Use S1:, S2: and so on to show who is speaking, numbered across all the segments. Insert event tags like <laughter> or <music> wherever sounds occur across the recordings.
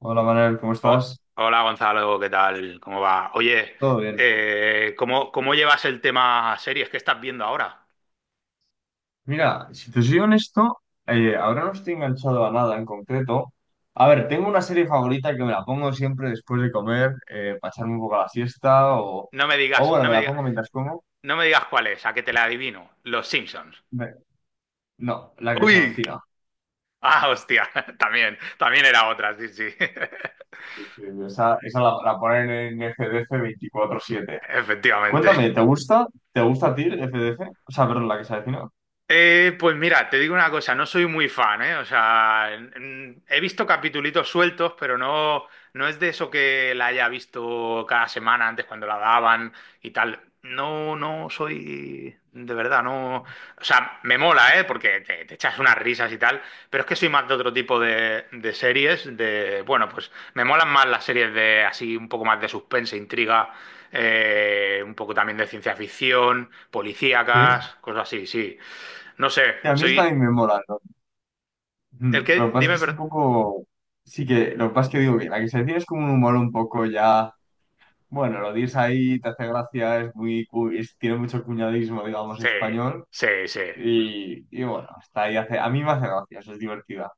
S1: Hola Manuel, ¿cómo
S2: Oh,
S1: estás?
S2: hola Gonzalo, ¿qué tal? ¿Cómo va? Oye,
S1: Todo bien.
S2: ¿cómo llevas el tema series que estás viendo ahora?
S1: Mira, si te soy honesto, ahora no estoy enganchado a nada en concreto. A ver, tengo una serie favorita que me la pongo siempre después de comer, para echarme un poco la siesta
S2: No me
S1: o
S2: digas,
S1: bueno,
S2: no
S1: me
S2: me
S1: la
S2: digas,
S1: pongo mientras como.
S2: no me digas cuál es, a que te la adivino. Los Simpsons.
S1: Me- No, la que se
S2: ¡Uy!
S1: avecina.
S2: Ah, hostia, <laughs> también, también era otra, sí, sí. <laughs>
S1: Sí, sí, sí, esa, esa la ponen en FDF 24/7.
S2: Efectivamente.
S1: Cuéntame, ¿te gusta? ¿Te gusta a ti FDF? O sea, perdón, la que se avecina.
S2: Pues mira, te digo una cosa, no soy muy fan, ¿eh? O sea, he visto capitulitos sueltos, pero no, no es de eso que la haya visto cada semana antes cuando la daban y tal. No, no soy, de verdad, no. O sea, me mola, ¿eh? Porque te echas unas risas y tal, pero es que soy más de otro tipo de series, de, bueno, pues me molan más las series de así, un poco más de suspense, intriga, un poco también de ciencia ficción,
S1: Sí.
S2: policíacas, cosas así, sí. No sé,
S1: Que a mí esa
S2: soy
S1: también me mola, ¿no?
S2: el
S1: Mm, lo
S2: que.
S1: que pasa es
S2: Dime,
S1: que es
S2: pero.
S1: un poco. Sí que, lo que pasa es que digo que la que se decide es como un humor un poco ya. Bueno, lo dices ahí, te hace gracia, es muy, tiene mucho cuñadismo, digamos,
S2: Sí,
S1: español.
S2: sí, sí.
S1: Y bueno, está ahí, hace, a mí me hace gracia, eso es divertida.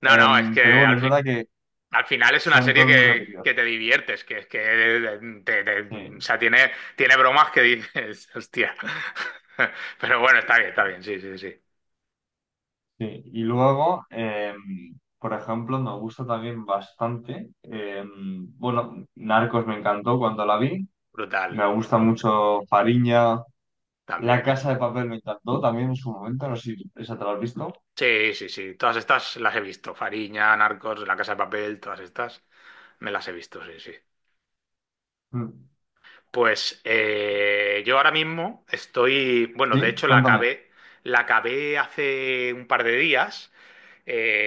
S2: No, no, es
S1: Pero
S2: que
S1: bueno, es verdad que
S2: al final es una
S1: son
S2: serie
S1: todos muy repetidos.
S2: que te diviertes, que es que. O
S1: Sí,
S2: sea, tiene bromas que dices, <laughs> hostia. Pero bueno,
S1: sí, sí.
S2: está
S1: Sí,
S2: bien, sí, sí, sí.
S1: sí, y luego, por ejemplo, me gusta también bastante. Bueno, Narcos me encantó cuando la vi.
S2: Brutal,
S1: Me gusta mucho Fariña. La
S2: también es.
S1: Casa de Papel me encantó también en su momento, no sé si esa te la has visto.
S2: Sí, sí, sí. Todas estas las he visto. Fariña, Narcos, La Casa de Papel, todas estas me las he visto, sí, sí.
S1: Mm.
S2: Pues yo ahora mismo estoy, bueno, de
S1: Sí,
S2: hecho
S1: cuéntame.
S2: la acabé hace un par de días.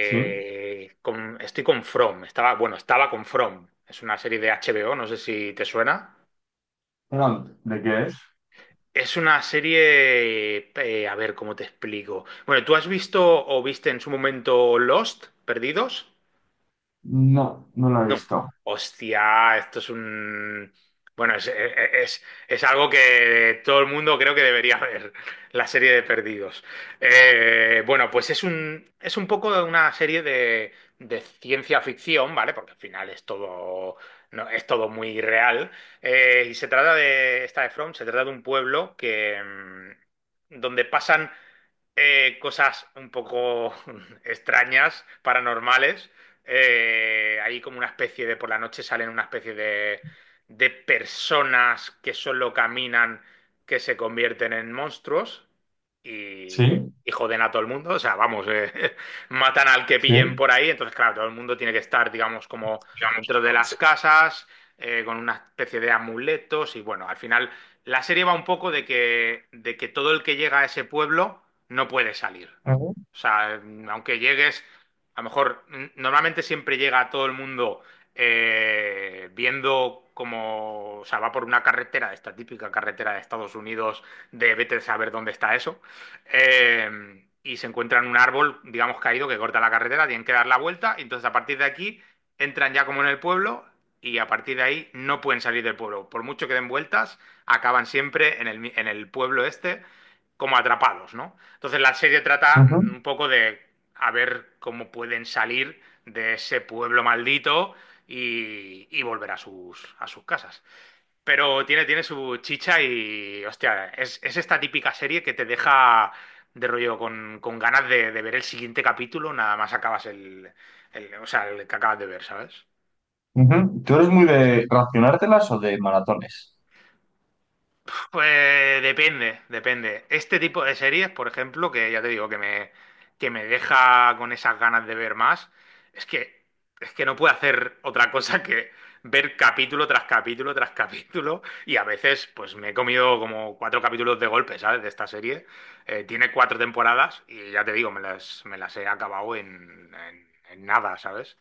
S1: Sí.
S2: con- Estoy con From. Estaba, bueno, estaba con From. Es una serie de HBO, no sé si te suena.
S1: Perdón, ¿de qué es?
S2: Es una serie, a ver cómo te explico. Bueno, ¿tú has visto o viste en su momento Lost, Perdidos?
S1: No, no la he
S2: No.
S1: visto.
S2: Hostia, esto es un. Bueno, es, e, e, es algo que todo el mundo creo que debería <laughs> ver, la serie de Perdidos. Bueno, pues es un poco una serie de ciencia ficción, ¿vale? Porque al final es todo, no, es todo muy real. Y se trata de, esta de From, se trata de un pueblo que, donde pasan cosas un poco <laughs> extrañas, paranormales. Hay como una especie de, por la noche salen una especie de personas que solo caminan, que se convierten en monstruos y,
S1: Sí,
S2: y joden a todo el mundo. O sea, vamos, <laughs> matan al que pillen
S1: sí.
S2: por ahí. Entonces, claro, todo el mundo tiene que estar, digamos, como
S1: Digamos,
S2: dentro de
S1: como que
S2: las
S1: sí.
S2: casas, con una especie de amuletos. Y bueno, al final la serie va un poco de que todo el que llega a ese pueblo no puede salir.
S1: Ujú,
S2: O sea, aunque llegues, a lo mejor, normalmente siempre llega todo el mundo viendo como, o sea, va por una carretera, de esta típica carretera de Estados Unidos, de vete a saber dónde está eso, y se encuentran un árbol, digamos, caído que corta la carretera, tienen que dar la vuelta, y entonces a partir de aquí entran ya como en el pueblo, y a partir de ahí no pueden salir del pueblo. Por mucho que den vueltas, acaban siempre en el pueblo este como atrapados, ¿no? Entonces la serie trata
S1: ujú,
S2: un poco de a ver cómo pueden salir de ese pueblo maldito y volver a sus casas. Pero tiene su chicha y, hostia, es esta típica serie que te deja de rollo con ganas de ver el siguiente capítulo, nada más acabas el, o sea, el que acabas de ver, ¿sabes?
S1: ujú. ¿Tú eres muy de racionártelas o de maratones?
S2: Pues depende, depende. Este tipo de series, por ejemplo, que ya te digo que me deja con esas ganas de ver más, es que, es que no puedo hacer otra cosa que ver capítulo tras capítulo tras capítulo y a veces pues me he comido como cuatro capítulos de golpe, ¿sabes? De esta serie. Tiene cuatro temporadas y ya te digo, me las he acabado en nada, ¿sabes?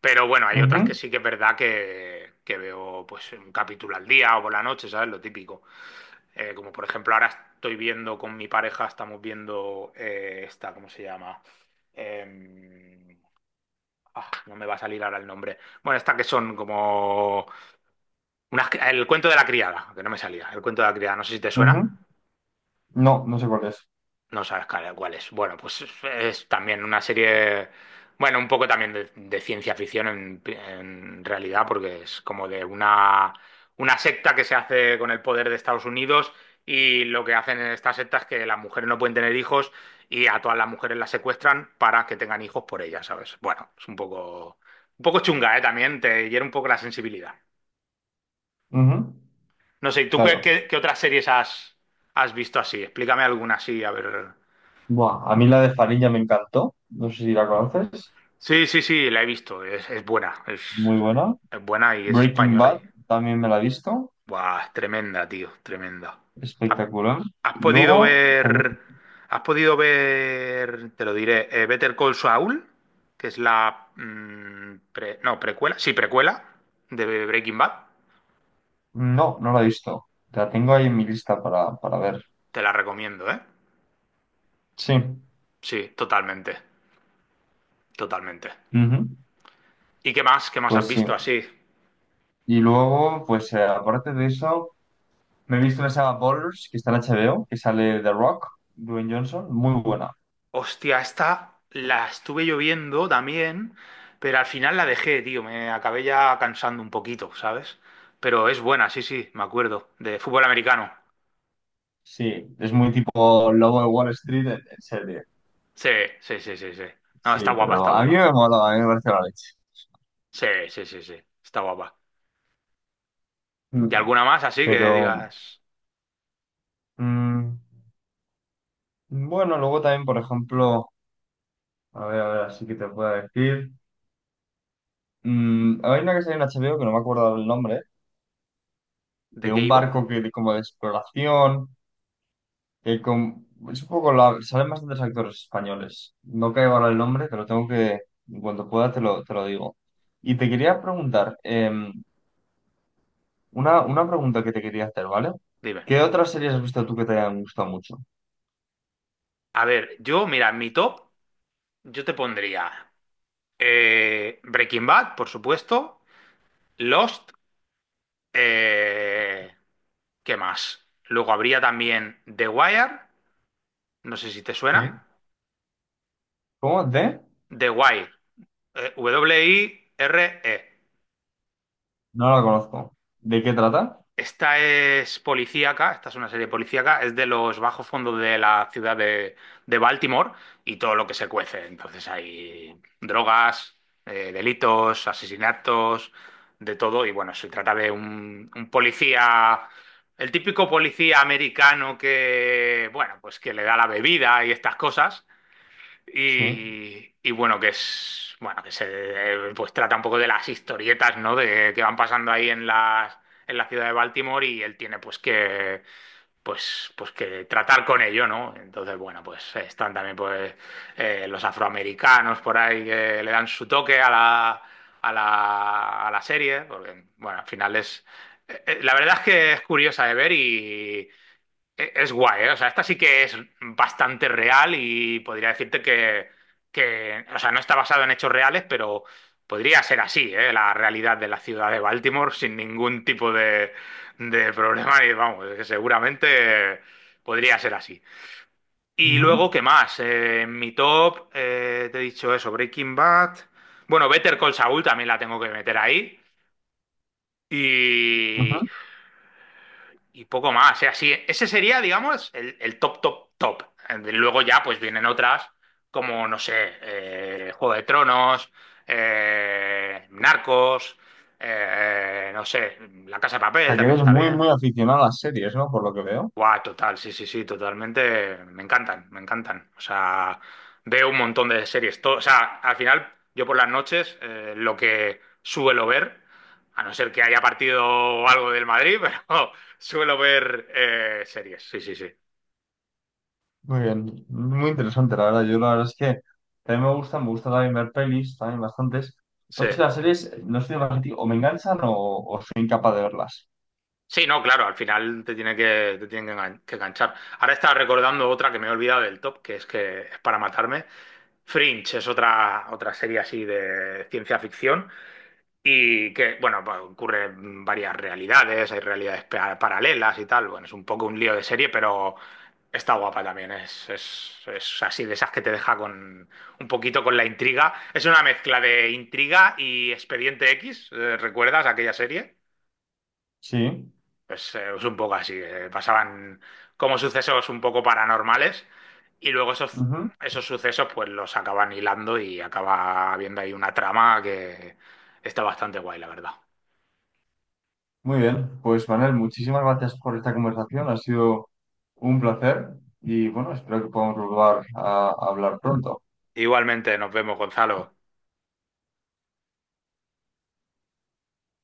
S2: Pero bueno, hay otras
S1: Ujú,
S2: que sí que es verdad que veo pues un capítulo al día o por la noche, ¿sabes? Lo típico. Como por ejemplo, ahora estoy viendo con mi pareja, estamos viendo esta, ¿cómo se llama? Em, ah, no me va a salir ahora el nombre. Bueno, esta que son como el cuento de la criada, que no me salía, el cuento de la criada, no sé si te suena.
S1: ujú. No, no sé cuál es.
S2: No sabes cuál es. Bueno, pues es, también una serie, bueno, un poco también de ciencia ficción en realidad, porque es como de una secta que se hace con el poder de Estados Unidos y lo que hacen en esta secta es que las mujeres no pueden tener hijos y a todas las mujeres las secuestran para que tengan hijos por ellas, ¿sabes? Bueno, es un poco chunga, ¿eh? También te hiere un poco la sensibilidad.
S1: Ujú,
S2: No sé, ¿y tú qué,
S1: claro.
S2: qué otras series has visto así? Explícame alguna así, a ver.
S1: Buah, a mí la de Farilla me encantó. No sé si la conoces.
S2: Sí, sí, sí, la he visto. Es buena. Es,
S1: Muy buena.
S2: es buena y es
S1: Breaking
S2: española. Y.
S1: Bad también me la he visto.
S2: Buah, es tremenda, tío. Tremenda. ¿Has,
S1: Espectacular.
S2: has
S1: Y
S2: podido
S1: luego también
S2: ver? Has podido ver? Te lo diré. Better Call Saul, que es la. No, precuela. Sí, precuela de Breaking Bad.
S1: no, no la he visto. La tengo ahí en mi lista para ver.
S2: Te la recomiendo, ¿eh?
S1: Sí.
S2: Sí, totalmente. Totalmente.
S1: Ujú.
S2: ¿Y qué más? ¿Qué más has
S1: Pues sí.
S2: visto así?
S1: Y luego, pues aparte de eso, me he visto la saga Ballers, que está en HBO, que sale The Rock, Dwayne Johnson. Muy buena.
S2: Hostia, esta la estuve lloviendo también, pero al final la dejé, tío. Me acabé ya cansando un poquito, ¿sabes? Pero es buena, sí, sí, me acuerdo. De fútbol americano.
S1: Sí, es muy tipo Lobo de Wall Street en serie.
S2: Sí, sí, sí, sí, sí. No, está
S1: Sí,
S2: guapa, está
S1: pero a mí
S2: guapa.
S1: me mola, a mí me parece la leche.
S2: Sí, sí, sí, sí, está guapa. ¿Y
S1: Mm.
S2: alguna más así que
S1: Pero,
S2: digas
S1: mm, bueno, luego también, por ejemplo, a ver, así que te puedo decir. Mm, hay una que sale en HBO que no me acuerdo el nombre
S2: de
S1: de
S2: qué
S1: un
S2: iba?
S1: barco que como de exploración, que con, es un poco la, salen bastantes actores españoles. No caigo ahora el nombre, pero tengo que, en cuanto pueda, te lo digo. Y te quería preguntar, una pregunta que te quería hacer, ¿vale?
S2: Dime.
S1: ¿Qué otras series has visto tú que te hayan gustado mucho?
S2: A ver, yo, mira, en mi top, yo te pondría Breaking Bad, por supuesto, Lost. Eh, ¿Qué más? Luego habría también The Wire, no sé si te suena.
S1: Sí. ¿Cómo? ¿De?
S2: The Wire, Wire.
S1: No la conozco. ¿De qué trata?
S2: Esta es policíaca, esta es una serie policíaca, es de los bajos fondos de la ciudad de Baltimore y todo lo que se cuece. Entonces hay drogas, delitos, asesinatos, de todo. Y bueno, se trata de un policía, el típico policía americano que, bueno, pues que le da la bebida y estas cosas.
S1: Sí.
S2: Y bueno, que es, bueno, que se pues trata un poco de las historietas, ¿no? De que van pasando ahí en las, en la ciudad de Baltimore y él tiene pues que pues que tratar con ello, ¿no? Entonces, bueno, pues están también pues los afroamericanos por ahí que le dan su toque a la, a la, a la serie, porque bueno, al final es la verdad es que es curiosa de ver y es guay, ¿eh? O sea, esta sí que es bastante real y podría decirte que, o sea, no está basado en hechos reales, pero podría ser así, ¿eh? La realidad de la ciudad de Baltimore sin ningún tipo de problema y vamos, es que seguramente podría ser así. Y
S1: Ujú,
S2: luego, ¿qué más? En mi top, te he dicho eso, Breaking Bad. Bueno, Better Call Saul también la tengo que meter ahí.
S1: ujú.
S2: Y
S1: O
S2: y poco más. O sea, sí, ese sería, digamos, el top, top, top. Luego ya pues vienen otras como, no sé, Juego de Tronos, Narcos, no sé, La Casa de Papel
S1: sea, que
S2: también
S1: eres
S2: está
S1: muy, muy
S2: bien.
S1: aficionado a las series, ¿no? Por lo que veo.
S2: Guau, total, sí, sí, sí, totalmente. Me encantan, me encantan. O sea, veo un montón de series. Todo, o sea, al final, yo por las noches, lo que suelo ver, a no ser que haya partido o algo del Madrid, <laughs> pero suelo ver series. Sí, sí, sí.
S1: Muy bien, muy interesante, la verdad. Yo la verdad es que también me gusta también ver pelis, también bastantes.
S2: Sí.
S1: Pues sí, las series, no soy demasiado, o me enganchan o soy incapaz de verlas.
S2: Sí, no, claro, al final te tiene que, te tienen que enganchar. Ahora estaba recordando otra que me he olvidado del top, que es para matarme. Fringe es otra serie así de ciencia ficción. Y que, bueno, pues, ocurren varias realidades, hay realidades paralelas y tal. Bueno, es un poco un lío de serie, pero está guapa también. Es así de esas que te deja con un poquito con la intriga. Es una mezcla de intriga y Expediente X. ¿Recuerdas aquella serie?
S1: Sí,
S2: Pues es un poco así. Pasaban como sucesos un poco paranormales y luego esos,
S1: ujú.
S2: esos sucesos pues los acaban hilando y acaba habiendo ahí una trama que está bastante guay, la verdad.
S1: Muy bien. Pues Manuel, muchísimas gracias por esta conversación, ha sido un placer y bueno, espero que podamos volver a hablar pronto.
S2: Igualmente, nos vemos, Gonzalo.